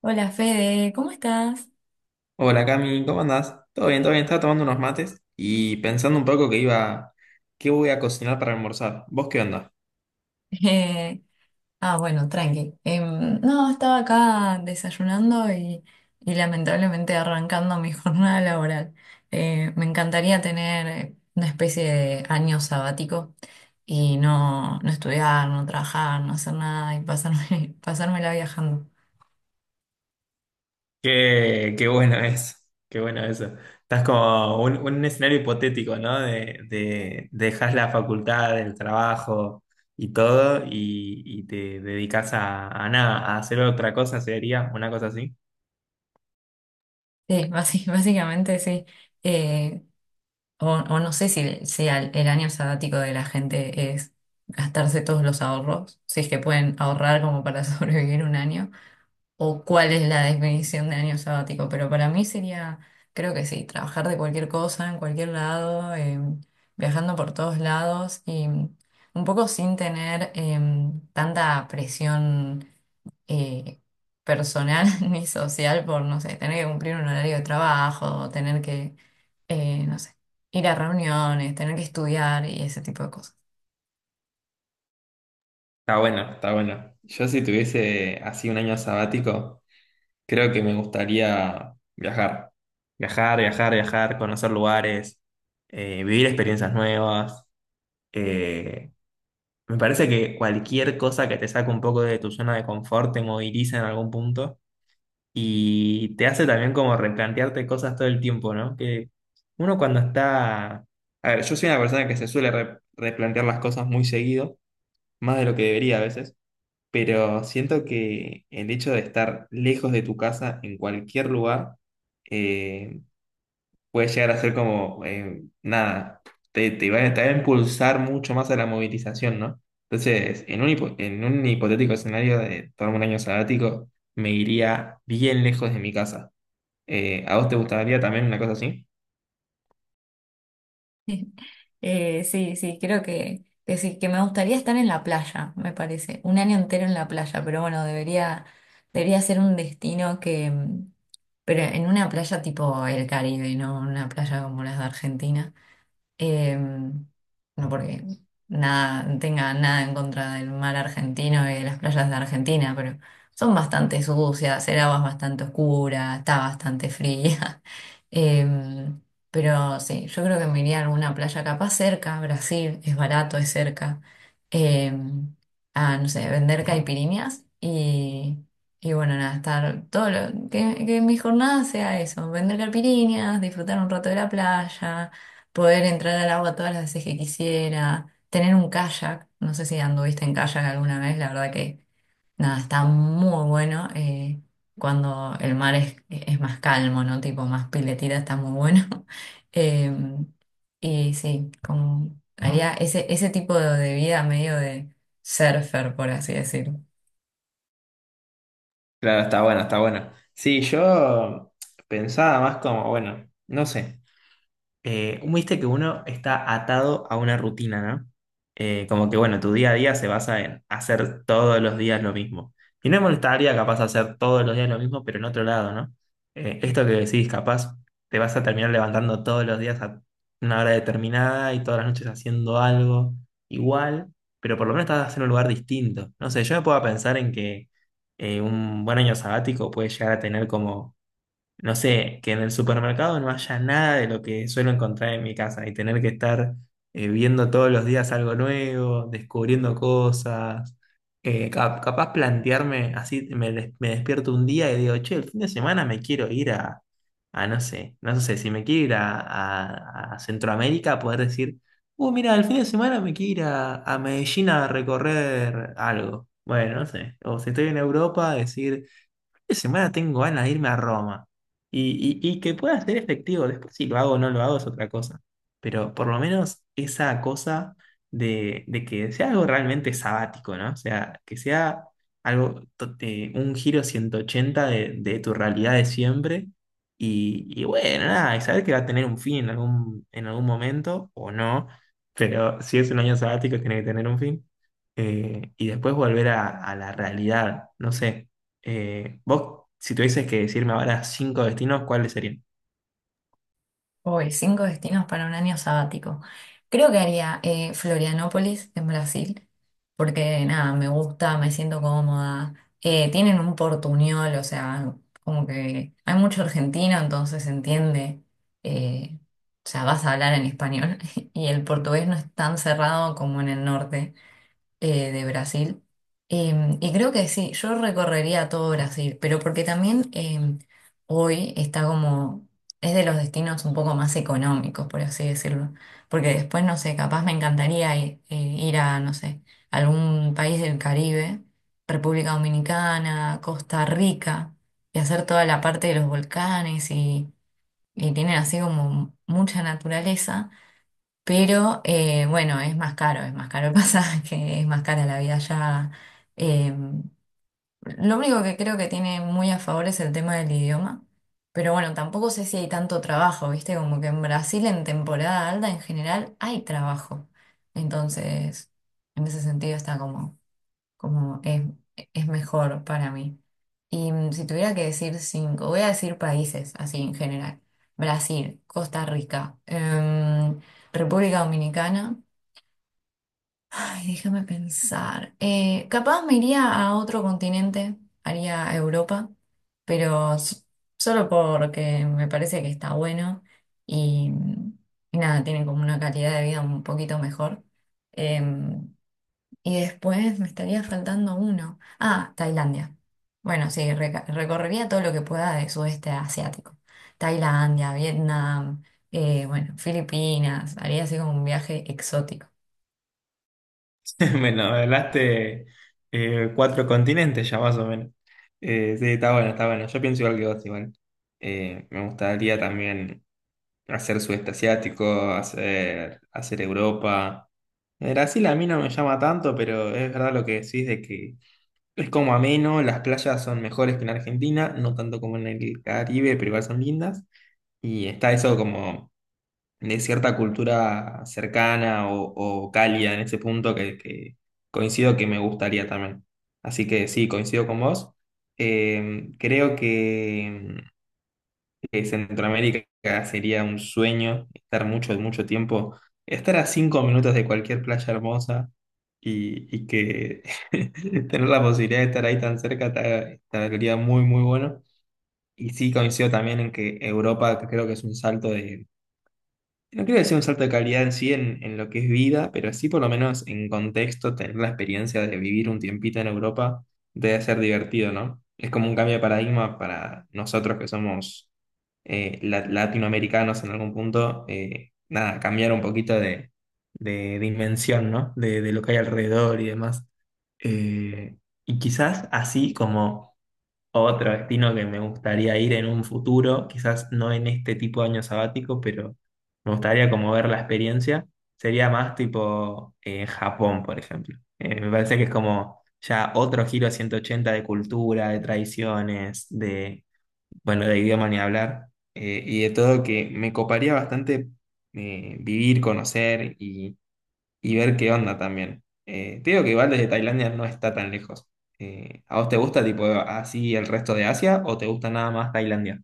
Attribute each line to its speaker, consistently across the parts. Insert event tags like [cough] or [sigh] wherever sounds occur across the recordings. Speaker 1: Hola Fede, ¿cómo estás?
Speaker 2: Hola Cami, ¿cómo andás? Todo bien, todo bien. Estaba tomando unos mates y pensando un poco qué voy a cocinar para almorzar. ¿Vos qué onda?
Speaker 1: [laughs] Eh, bueno, tranqui. No, estaba acá desayunando y lamentablemente arrancando mi [laughs] jornada laboral. Me encantaría tener una especie de año sabático y no, no estudiar, no trabajar, no hacer nada y [laughs] pasármela viajando.
Speaker 2: Qué bueno eso, qué bueno eso. Estás como un escenario hipotético, ¿no? De dejas la facultad, el trabajo y todo y te dedicas a nada, a hacer otra cosa, sería una cosa así.
Speaker 1: Sí, [laughs] básicamente sí. Eh, o no sé si el año sabático de la gente es gastarse todos los ahorros, si es que pueden ahorrar como para [laughs] sobrevivir un año, o cuál es la definición de año sabático, pero para mí sería, creo que sí, trabajar de cualquier cosa, en cualquier lado, viajando por todos lados y un poco sin tener tanta presión eh, personal [laughs] ni social por, no sé, tener que cumplir un horario de trabajo, tener que, no sé, ir a reuniones, tener que estudiar y ese tipo de cosas.
Speaker 2: Está bueno, está bueno. Yo si tuviese así un año sabático. Creo que me gustaría viajar. Viajar, viajar, viajar, conocer lugares, vivir experiencias nuevas. Eh, Me parece que cualquier cosa que te saque un poco de tu zona de confort te moviliza en algún punto y te hace también como replantearte cosas todo el tiempo, ¿no? Que uno cuando está... A ver, yo soy una persona que se suele replantear las cosas muy seguido, más de lo que debería a veces, pero siento que el hecho de estar lejos de tu casa en cualquier lugar eh, puede llegar a ser como, nada, te va a impulsar mucho más a la movilización, ¿no? Entonces, en un hipotético escenario de tomarme un año sabático, me iría bien lejos de mi casa. ¿A vos te gustaría también una cosa así?
Speaker 1: [laughs] Sí, sí, creo que sí, que me gustaría estar en la playa, me parece, un año entero en la playa, pero bueno, debería ser un destino que pero en una playa tipo el Caribe, no una playa como las de Argentina. No porque nada, tenga nada en contra del mar argentino y de las playas de Argentina, pero son bastante sucias, el agua es bastante oscura, está bastante fría. [laughs] Eh, pero sí, yo creo que me iría a alguna playa capaz cerca, Brasil, es barato, es cerca, eh, no sé, vender caipiriñas y... Y bueno, nada, estar todo que mi jornada sea eso, vender caipiriñas, disfrutar un rato de la playa, poder entrar al agua todas las veces que quisiera, tener un kayak, no sé si anduviste en kayak alguna vez, la verdad que nada, está muy bueno cuando el mar es más calmo, ¿no? Tipo más piletita, está muy bueno. [laughs] Eh, y sí, como haría ese tipo de vida medio de surfer, por así decir.
Speaker 2: Claro, está bueno, está bueno. Sí, yo pensaba más como, bueno, no sé. Viste que uno está atado a una rutina, ¿no? Como que, bueno, tu día a día se basa en hacer todos los días lo mismo. Y no me molestaría capaz hacer todos los días lo mismo, pero en otro lado, ¿no? Esto que decís, capaz te vas a terminar levantando todos los días a una hora determinada y todas las noches haciendo algo igual, pero por lo menos estás en un lugar distinto. No sé, yo me puedo pensar en que un buen año sabático puede llegar a tener como no sé, que en el supermercado no haya nada de lo que suelo encontrar en mi casa y tener que estar viendo todos los días algo nuevo, descubriendo cosas, capaz plantearme así, me despierto un día y digo, che, el fin de semana me quiero ir a, si me quiero ir a, a Centroamérica, poder decir, mira, el fin de semana me quiero ir a Medellín a recorrer algo. Bueno, no sé, o si estoy en Europa, decir... Esta semana tengo ganas de irme a Roma. Y que pueda ser efectivo. Después si lo hago o no lo hago es otra cosa. Pero por lo menos esa cosa de que sea algo realmente sabático, ¿no? O sea, que sea algo, un giro 180 de tu realidad de siempre. Y bueno, nada, y saber que va a tener un fin en algún momento o no. Pero si es un año sabático, tiene que tener un fin. Y después volver a la realidad, no sé. Vos, si tuvieses que decirme ahora cinco destinos, ¿cuáles serían?
Speaker 1: Uy, cinco destinos para un año sabático. Creo que haría Florianópolis en Brasil, porque nada, me gusta, me siento cómoda. Tienen un portuñol, o sea, como que hay mucho argentino, entonces se entiende. eh, o sea, vas a hablar en español [laughs] y el portugués no es tan cerrado como en el norte de Brasil. Y creo que sí, yo recorrería todo Brasil, pero porque también hoy está es de los destinos un poco más económicos, por así decirlo. Porque después, no sé, capaz me encantaría ir a, no sé, algún país del Caribe, República Dominicana, Costa Rica, y hacer toda la parte de los volcanes y tienen así como mucha naturaleza. Pero bueno, es más caro el pasaje, [laughs] es más cara la vida allá. Eh, lo único que creo que tiene muy a favor es el tema del idioma. Pero bueno, tampoco sé si hay tanto trabajo, ¿viste? Como que en Brasil en temporada alta en general hay trabajo. Entonces, en ese sentido está como como es, es mejor para mí. Si tuviera que decir cinco, voy a decir países así en general. Brasil, Costa Rica, República Dominicana. Ay, déjame pensar. Capaz me iría a otro continente, haría Europa, pero solo porque me parece que está bueno y y nada, tienen como una calidad de vida un poquito mejor. Em, y después me estaría faltando uno. Ah, Tailandia. Bueno, sí, recorrería todo lo que pueda de sudeste asiático. Tailandia, Vietnam, bueno, Filipinas. Haría así como un viaje exótico.
Speaker 2: [laughs] Bueno, hablaste cuatro continentes ya más o menos. Sí, está bueno, está bueno. Yo pienso igual que vos, igual. Me gustaría también hacer sudeste asiático, hacer Europa. Brasil a mí no me llama tanto, pero es verdad lo que decís de que es como ameno, las playas son mejores que en Argentina, no tanto como en el Caribe, pero igual son lindas. Y está eso como de cierta cultura cercana o cálida en ese punto que coincido que me gustaría también. Así que sí, coincido con vos. Creo que Centroamérica sería un sueño estar mucho, mucho tiempo, estar a 5 minutos de cualquier playa hermosa y que [laughs] tener la posibilidad de estar ahí tan cerca estaría muy, muy bueno. Y sí coincido también en que Europa creo que es un salto de no creo que sea un salto de calidad en sí en lo que es vida, pero sí por lo menos en contexto, tener la experiencia de vivir un tiempito en Europa debe ser divertido, ¿no? Es como un cambio de paradigma para nosotros que somos latinoamericanos en algún punto, nada, cambiar un poquito de dimensión, ¿no? De lo que hay alrededor y demás. Eh, y quizás así como... Otro destino que me gustaría ir en un futuro, quizás no en este tipo de año sabático, pero me gustaría como ver la experiencia, sería más tipo Japón, por ejemplo. Me parece que es como ya otro giro a 180 de cultura, de tradiciones, bueno, de idioma ni hablar, y de todo que me coparía bastante, vivir, conocer y ver qué onda también. Te digo que igual desde Tailandia no está tan lejos. ¿A vos te gusta tipo así el resto de Asia o te gusta nada más Tailandia?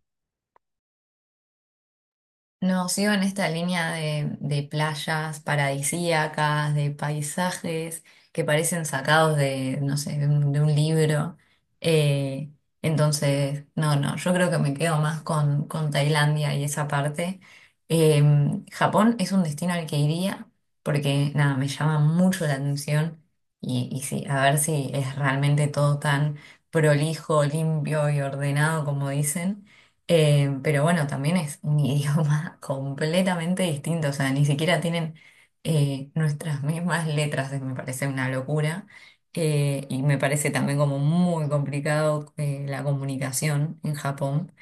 Speaker 1: No, sigo en esta línea de playas paradisíacas, de paisajes que parecen sacados de, no sé, de un libro. Eh, entonces, no, no, yo creo que me quedo más con Tailandia y esa parte. Eh, Japón es un destino al que iría porque, nada, me llama mucho la atención y sí, a ver si es realmente todo tan prolijo, limpio y ordenado como dicen. Pero bueno, también es un [laughs] idioma completamente distinto, o sea, ni siquiera tienen nuestras mismas letras, me parece una locura. Y me parece también como muy complicado la comunicación en Japón.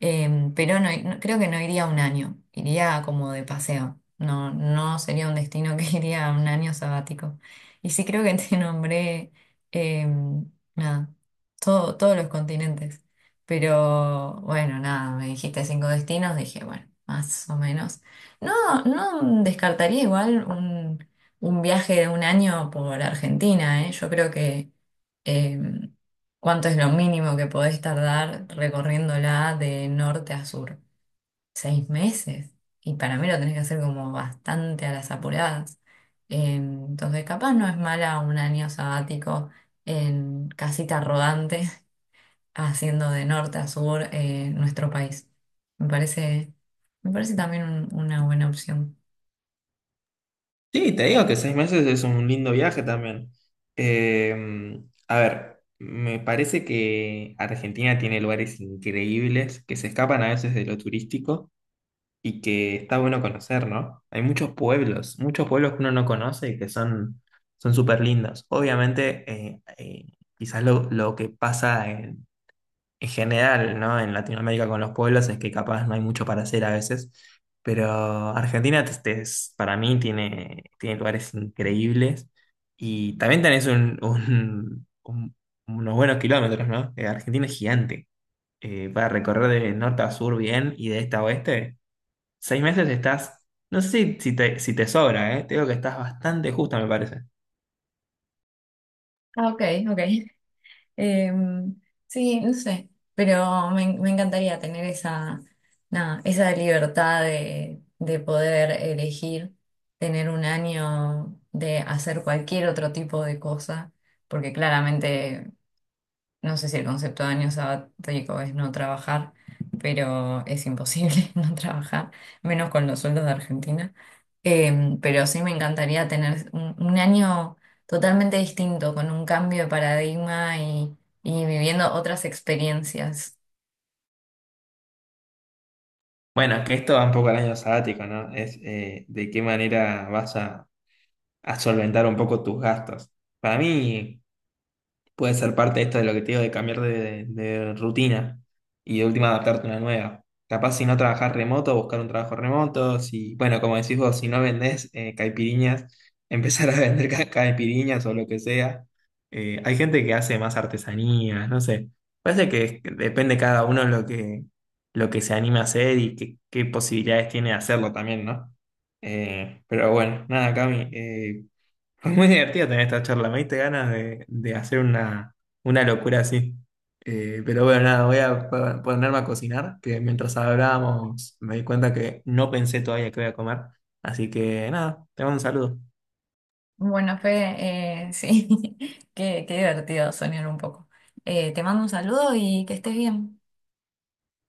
Speaker 1: Pero no, creo que no iría un año, iría como de paseo. No, no sería un destino que [laughs] iría un año sabático. Y sí creo que te [laughs] nombré nada, todos los continentes. Pero bueno, nada, me dijiste cinco destinos, dije, bueno, más o menos. No, no descartaría igual un viaje de un año por Argentina, ¿eh? Yo creo que em, ¿cuánto es lo mínimo que podés tardar recorriéndola de norte a sur? Seis meses. Y para mí lo tenés que hacer como bastante a las apuradas. Entonces, capaz no es mala un año sabático en casita rodante, [laughs] haciendo de norte a sur nuestro país. Me parece, Me parece también una buena opción.
Speaker 2: Sí, te digo que 6 meses es un lindo viaje también. Eh, a ver, me parece que Argentina tiene lugares increíbles que se escapan a veces de lo turístico y que está bueno conocer, ¿no? Hay muchos pueblos que uno no conoce y que son súper lindos. Obviamente, quizás lo que pasa en general, ¿no? En Latinoamérica con los pueblos es que capaz no hay mucho para hacer a veces, pero Argentina para mí tiene lugares increíbles y también tenés unos buenos kilómetros, ¿no? Argentina es gigante. Para recorrer de norte a sur bien y de este a oeste, 6 meses estás, no sé si te sobra, ¿eh? Te digo que estás bastante justa, me parece.
Speaker 1: Ah, ok, ok. Eh, sí, no sé, pero me encantaría tener esa, nada, esa libertad de poder elegir, tener un año de hacer cualquier otro tipo de cosa, porque claramente no sé si el concepto de año sabático es no trabajar, pero es imposible [laughs] no trabajar, menos con los sueldos de Argentina. Pero sí me encantaría tener un año totalmente distinto, con un cambio de paradigma y viviendo otras experiencias.
Speaker 2: Bueno, que esto va un poco al año sabático, ¿no? Es de qué manera vas a solventar un poco tus gastos. Para mí puede ser parte de esto de lo que te digo de cambiar de rutina y de última adaptarte a una nueva. Capaz si no trabajás remoto, buscar un trabajo remoto, si, bueno, como decís vos, si no vendés caipiriñas, empezar a [laughs] vender caipiriñas o lo que sea. Hay gente que hace más artesanías, no sé. Parece que que depende cada uno lo que se anima a hacer y qué posibilidades tiene de hacerlo también, ¿no? Pero bueno, nada, Cami, fue muy divertido tener esta charla. Me diste ganas de hacer una locura así. Pero bueno, nada, voy a ponerme a cocinar, que mientras hablábamos me di cuenta que no pensé todavía qué voy a comer. Así que nada, te mando un saludo.
Speaker 1: Bueno, Fede, sí, [laughs] qué divertido soñar un poco. Te mando un saludo y que estés bien.